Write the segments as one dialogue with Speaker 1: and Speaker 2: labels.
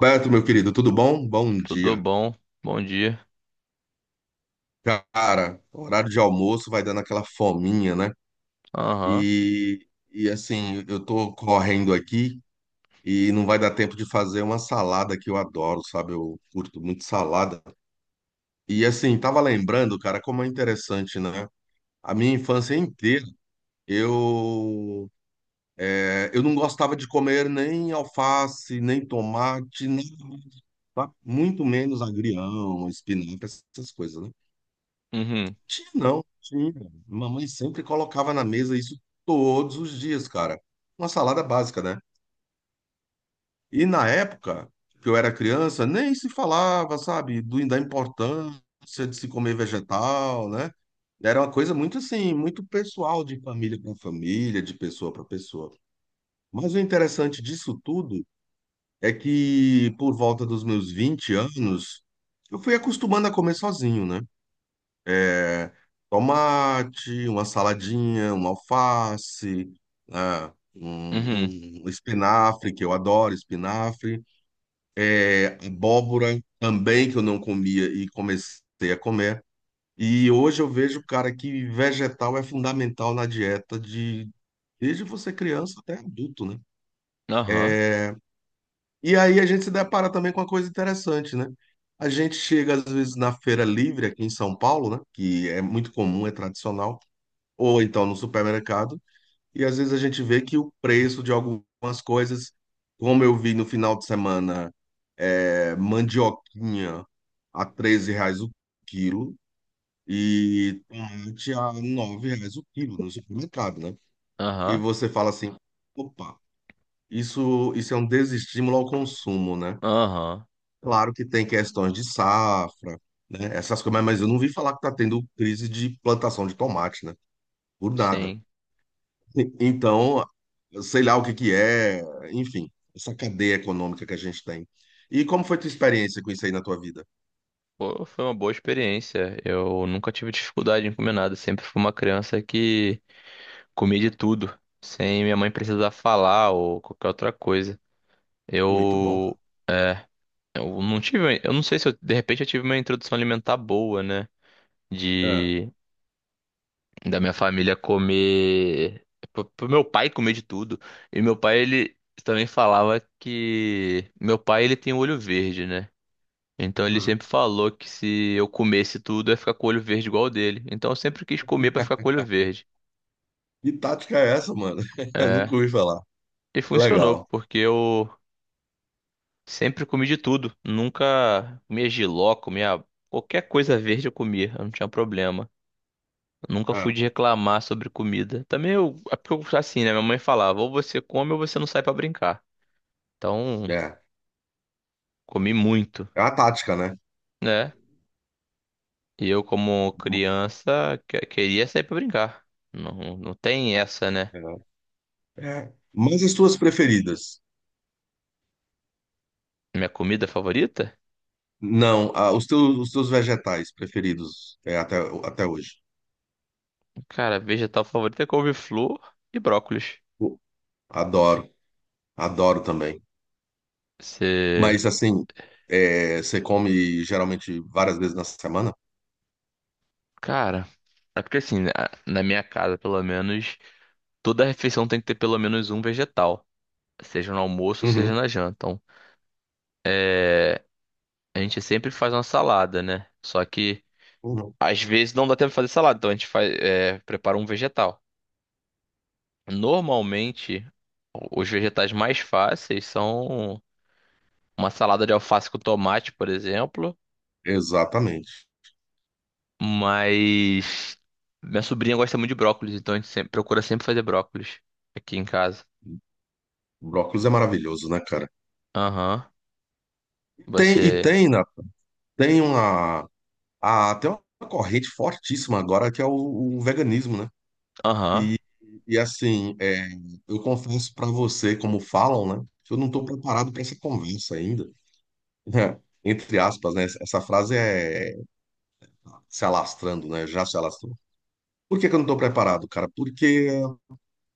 Speaker 1: Beto, meu querido, tudo bom? Bom
Speaker 2: Tudo
Speaker 1: dia.
Speaker 2: bom? Bom dia.
Speaker 1: Cara, horário de almoço vai dando aquela fominha, né?
Speaker 2: Aham.
Speaker 1: E assim, eu tô correndo aqui e não vai dar tempo de fazer uma salada que eu adoro, sabe? Eu curto muito salada. E assim, tava lembrando, cara, como é interessante, né? A minha infância inteira, eu, eu não gostava de comer nem alface, nem tomate, nem, tá? Muito menos agrião, espinafre, essas coisas, né?
Speaker 2: Uhum.
Speaker 1: Tinha não, tinha. Mamãe sempre colocava na mesa isso todos os dias, cara. Uma salada básica, né? E na época que eu era criança, nem se falava, sabe, da importância de se comer vegetal, né? Era uma coisa muito assim, muito pessoal, de família para família, de pessoa para pessoa. Mas o interessante disso tudo é que por volta dos meus 20 anos, eu fui acostumando a comer sozinho, né? é, tomate, uma saladinha, uma alface, ah,
Speaker 2: Uhum.
Speaker 1: um espinafre, que eu adoro espinafre, é, abóbora também, que eu não comia e comecei a comer. E hoje eu vejo, cara, que vegetal é fundamental na dieta de desde você criança até adulto, né?
Speaker 2: Aham.
Speaker 1: E aí a gente se depara também com uma coisa interessante, né? A gente chega às vezes na feira livre aqui em São Paulo, né? Que é muito comum, é tradicional, ou então no supermercado. E às vezes a gente vê que o preço de algumas coisas, como eu vi no final de semana, é, mandioquinha a 13 reais o quilo e tomate a 9 reais o quilo no supermercado, né? E
Speaker 2: Aham.
Speaker 1: você fala assim, opa, isso é um desestímulo ao consumo, né?
Speaker 2: Aham.
Speaker 1: Claro que tem questões de safra, né? Essas coisas, mas eu não vi falar que tá tendo crise de plantação de tomate, né? Por nada.
Speaker 2: Sim.
Speaker 1: Então, sei lá o que que é, enfim, essa cadeia econômica que a gente tem. E como foi tua experiência com isso aí na tua vida?
Speaker 2: Pô, foi uma boa experiência. Eu nunca tive dificuldade em comer nada. Sempre fui uma criança que comia de tudo, sem minha mãe precisar falar ou qualquer outra coisa.
Speaker 1: Muito bom,
Speaker 2: Eu, eu não tive, eu não sei se eu, de repente eu tive uma introdução alimentar boa, né?
Speaker 1: cara.
Speaker 2: De da minha família comer, pro meu pai comer de tudo. E meu pai, ele também falava que meu pai ele tem o olho verde, né? Então
Speaker 1: É.
Speaker 2: ele
Speaker 1: Uhum.
Speaker 2: sempre falou que se eu comesse tudo, eu ia ficar com o olho verde igual o dele. Então eu sempre quis comer pra ficar com o olho verde.
Speaker 1: Que tática é essa, mano? Eu nunca
Speaker 2: É,
Speaker 1: ouvi falar.
Speaker 2: e funcionou,
Speaker 1: Legal.
Speaker 2: porque eu sempre comi de tudo. Nunca comia jiló, comia qualquer coisa verde eu comia, eu não tinha problema. Nunca fui
Speaker 1: É.
Speaker 2: de reclamar sobre comida. Também eu, é porque eu, assim, né? Minha mãe falava, ou você come ou você não sai pra brincar. Então,
Speaker 1: É,
Speaker 2: comi muito,
Speaker 1: é uma tática, né?
Speaker 2: né? E eu, como criança, queria sair pra brincar. Não, tem essa, né?
Speaker 1: É. É. Mas as tuas preferidas?
Speaker 2: Minha comida favorita?
Speaker 1: Não, ah, os teus vegetais preferidos é, até, até hoje.
Speaker 2: Cara, vegetal favorita é couve-flor e brócolis.
Speaker 1: Pô, adoro, adoro também.
Speaker 2: Você.
Speaker 1: Mas assim, é, você come geralmente várias vezes na semana?
Speaker 2: Cara, é porque assim, na minha casa, pelo menos, toda refeição tem que ter pelo menos um vegetal. Seja no almoço, seja
Speaker 1: Uhum.
Speaker 2: na janta. Então, a gente sempre faz uma salada, né? Só que
Speaker 1: Uhum.
Speaker 2: às vezes não dá tempo de fazer salada, então a gente prepara um vegetal. Normalmente, os vegetais mais fáceis são uma salada de alface com tomate, por exemplo.
Speaker 1: Exatamente.
Speaker 2: Mas minha sobrinha gosta muito de brócolis, então a gente sempre, procura sempre fazer brócolis aqui em casa.
Speaker 1: Brócolis é maravilhoso, né, cara?
Speaker 2: Aham.
Speaker 1: Tem, e
Speaker 2: Você.
Speaker 1: tem, né, tem uma, a, tem uma corrente fortíssima agora que é o veganismo, né?
Speaker 2: Aham.
Speaker 1: E, e assim, é, eu confesso pra você, como falam, né, que eu não tô preparado pra essa conversa ainda. Entre aspas, né? Essa frase é se alastrando, né? Já se alastrou. Por que que eu não tô preparado, cara? Porque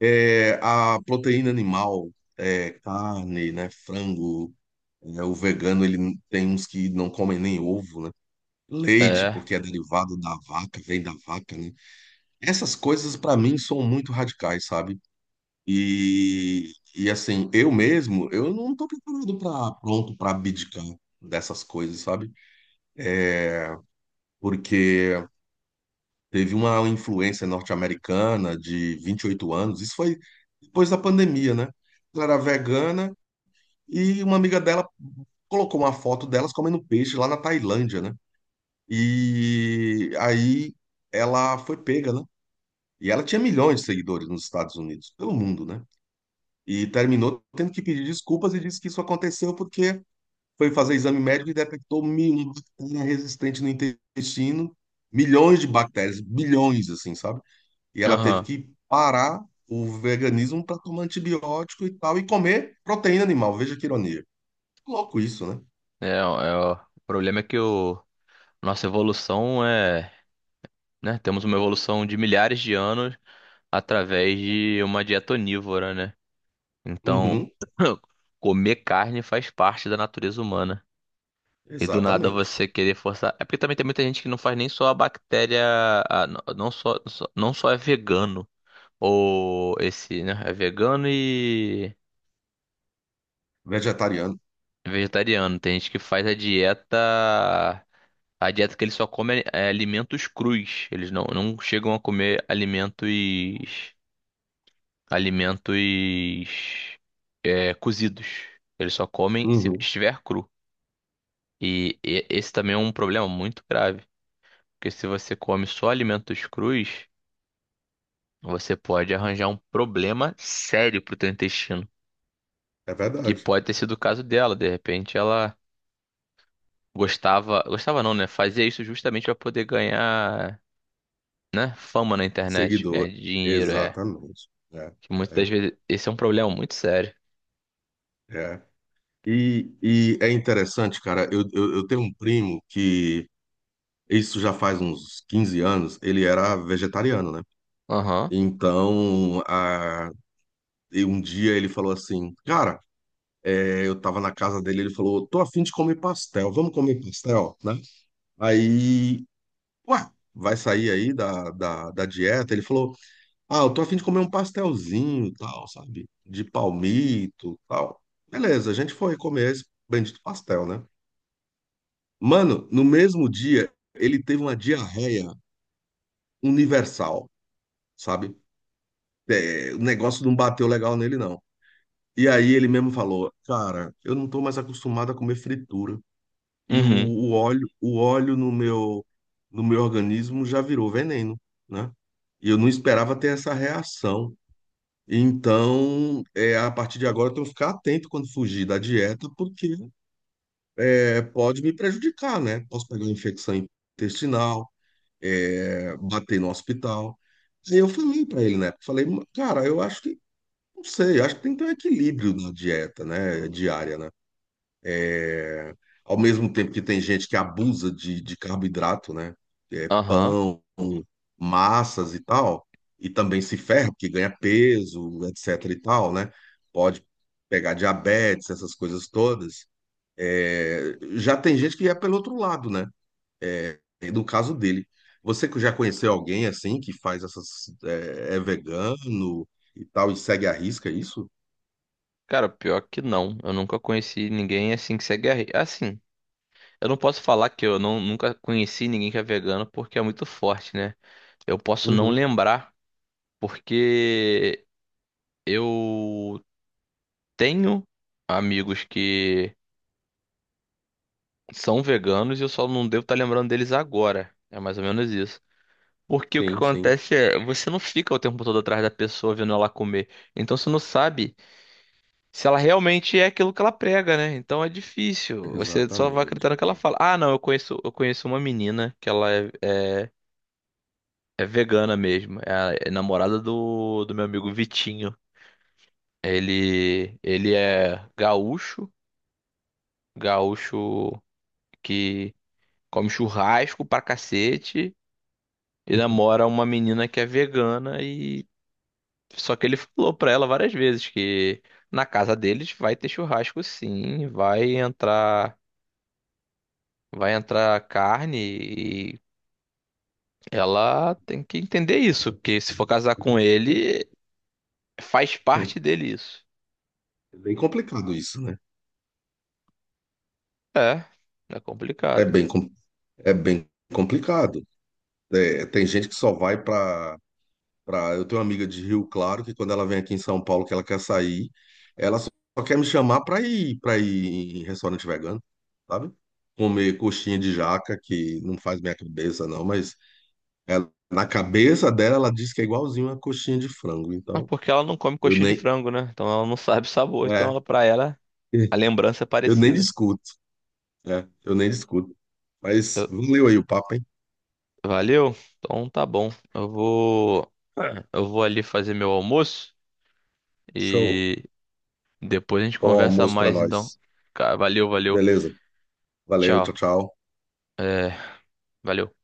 Speaker 1: é, a proteína animal, é, carne, né, frango. É, o vegano, ele tem uns que não comem nem ovo, né? Leite,
Speaker 2: É.
Speaker 1: porque é derivado da vaca, vem da vaca, né? Essas coisas, para mim, são muito radicais, sabe? E assim, eu mesmo, eu não tô preparado para pronto para abdicar dessas coisas, sabe? Porque teve uma influência norte-americana de 28 anos, isso foi depois da pandemia, né? Ela era vegana e uma amiga dela colocou uma foto delas comendo peixe lá na Tailândia, né? E aí ela foi pega, né? E ela tinha milhões de seguidores nos Estados Unidos, pelo mundo, né? E terminou tendo que pedir desculpas e disse que isso aconteceu porque foi fazer exame médico e detectou uma bactéria resistente no intestino, milhões de bactérias, bilhões, assim, sabe? E ela teve
Speaker 2: Aham.
Speaker 1: que parar o veganismo para tomar antibiótico e tal, e comer proteína animal. Veja que ironia. Louco isso, né?
Speaker 2: É, é, o problema é que o nossa evolução é, né? Temos uma evolução de milhares de anos, através de uma dieta onívora, né? Então,
Speaker 1: Uhum,
Speaker 2: comer carne faz parte da natureza humana. E do nada
Speaker 1: exatamente.
Speaker 2: você querer forçar. É porque também tem muita gente que não faz nem só a bactéria. Não só é vegano. Ou esse, né? É vegano e
Speaker 1: Vegetariano.
Speaker 2: vegetariano. Tem gente que faz a dieta. A dieta que eles só comem é alimentos crus. Eles não chegam a comer alimentos, é, cozidos. Eles só comem se
Speaker 1: Uhum,
Speaker 2: estiver cru. Esse também é um problema muito grave, porque se você come só alimentos crus, você pode arranjar um problema sério pro teu intestino,
Speaker 1: é
Speaker 2: que
Speaker 1: verdade.
Speaker 2: pode ter sido o caso dela. De repente, ela gostava não, né? Fazia isso justamente para poder ganhar, né? Fama na internet, ganhar
Speaker 1: Seguidor,
Speaker 2: dinheiro, é.
Speaker 1: exatamente. É,
Speaker 2: Que muitas das
Speaker 1: é,
Speaker 2: vezes esse é um problema muito sério.
Speaker 1: é. E é interessante, cara, eu tenho um primo que, isso já faz uns 15 anos, ele era vegetariano, né?
Speaker 2: Aham.
Speaker 1: Então, a, e um dia ele falou assim, cara, é, eu tava na casa dele, ele falou, tô afim de comer pastel, vamos comer pastel, né? Aí, ué, vai sair aí da dieta? Ele falou, ah, eu tô a fim de comer um pastelzinho, tal, sabe? De palmito, tal. Beleza, a gente foi comer esse bendito pastel, né? Mano, no mesmo dia, ele teve uma diarreia universal, sabe? É, o negócio não bateu legal nele, não. E aí ele mesmo falou, cara, eu não tô mais acostumado a comer fritura. E
Speaker 2: Uhum.
Speaker 1: o óleo no meu organismo já virou veneno, né? E eu não esperava ter essa reação. Então, é, a partir de agora, eu tenho que ficar atento quando fugir da dieta, porque é, pode me prejudicar, né? Posso pegar uma infecção intestinal, é, bater no hospital. Aí eu falei para ele, né? Falei, cara, eu acho que, não sei, eu acho que tem que ter um equilíbrio na dieta, né? Diária, né? É, ao mesmo tempo que tem gente que abusa de carboidrato, né? É,
Speaker 2: Aham.
Speaker 1: pão, massas e tal, e também se ferra, porque ganha peso, etc e tal, né? Pode pegar diabetes, essas coisas todas. É, já tem gente que é pelo outro lado, né? É, no caso dele. Você que já conheceu alguém assim que faz essas é, vegano e tal e segue à risca é isso?
Speaker 2: Cara, pior que não. Eu nunca conheci ninguém assim que segue a... Assim, eu não posso falar que eu não, nunca conheci ninguém que é vegano porque é muito forte, né? Eu posso não
Speaker 1: Uhum.
Speaker 2: lembrar porque eu tenho amigos que são veganos e eu só não devo estar lembrando deles agora. É mais ou menos isso. Porque o que
Speaker 1: Sim, sim,
Speaker 2: acontece é, você não fica o tempo todo atrás da pessoa vendo ela comer. Então você não sabe se ela realmente é aquilo que ela prega, né? Então é difícil. Você só vai
Speaker 1: exatamente.
Speaker 2: acreditar no que ela fala. Ah, não, eu conheço uma menina que ela é vegana mesmo. É, é namorada do meu amigo Vitinho. Ele é gaúcho, gaúcho que come churrasco pra cacete e namora uma menina que é vegana e só que ele falou pra ela várias vezes que na casa deles vai ter churrasco sim, vai entrar carne e ela tem que entender isso, porque se for casar com ele, faz parte dele isso.
Speaker 1: É bem complicado isso, né?
Speaker 2: É, é
Speaker 1: É
Speaker 2: complicado.
Speaker 1: bem, é bem complicado. É, tem gente que só vai para. Eu tenho uma amiga de Rio Claro que quando ela vem aqui em São Paulo que ela quer sair, ela só quer me chamar para ir em restaurante vegano, sabe? Comer coxinha de jaca que não faz minha cabeça não, mas na cabeça dela ela diz que é igualzinho uma coxinha de frango.
Speaker 2: Ah,
Speaker 1: Então
Speaker 2: porque ela não come
Speaker 1: eu
Speaker 2: coxinha de
Speaker 1: nem
Speaker 2: frango, né? Então ela não sabe o sabor, então
Speaker 1: é,
Speaker 2: ela para ela a lembrança é
Speaker 1: eu nem
Speaker 2: parecida.
Speaker 1: discuto, é, eu nem discuto. Mas
Speaker 2: Eu-
Speaker 1: valeu aí o papo, hein?
Speaker 2: Valeu? Então tá bom. Eu vou ali fazer meu almoço
Speaker 1: Show.
Speaker 2: e depois a gente
Speaker 1: Bom
Speaker 2: conversa
Speaker 1: almoço para
Speaker 2: mais então.
Speaker 1: nós.
Speaker 2: Valeu, valeu.
Speaker 1: Beleza. Valeu, tchau,
Speaker 2: Tchau.
Speaker 1: tchau.
Speaker 2: É, valeu.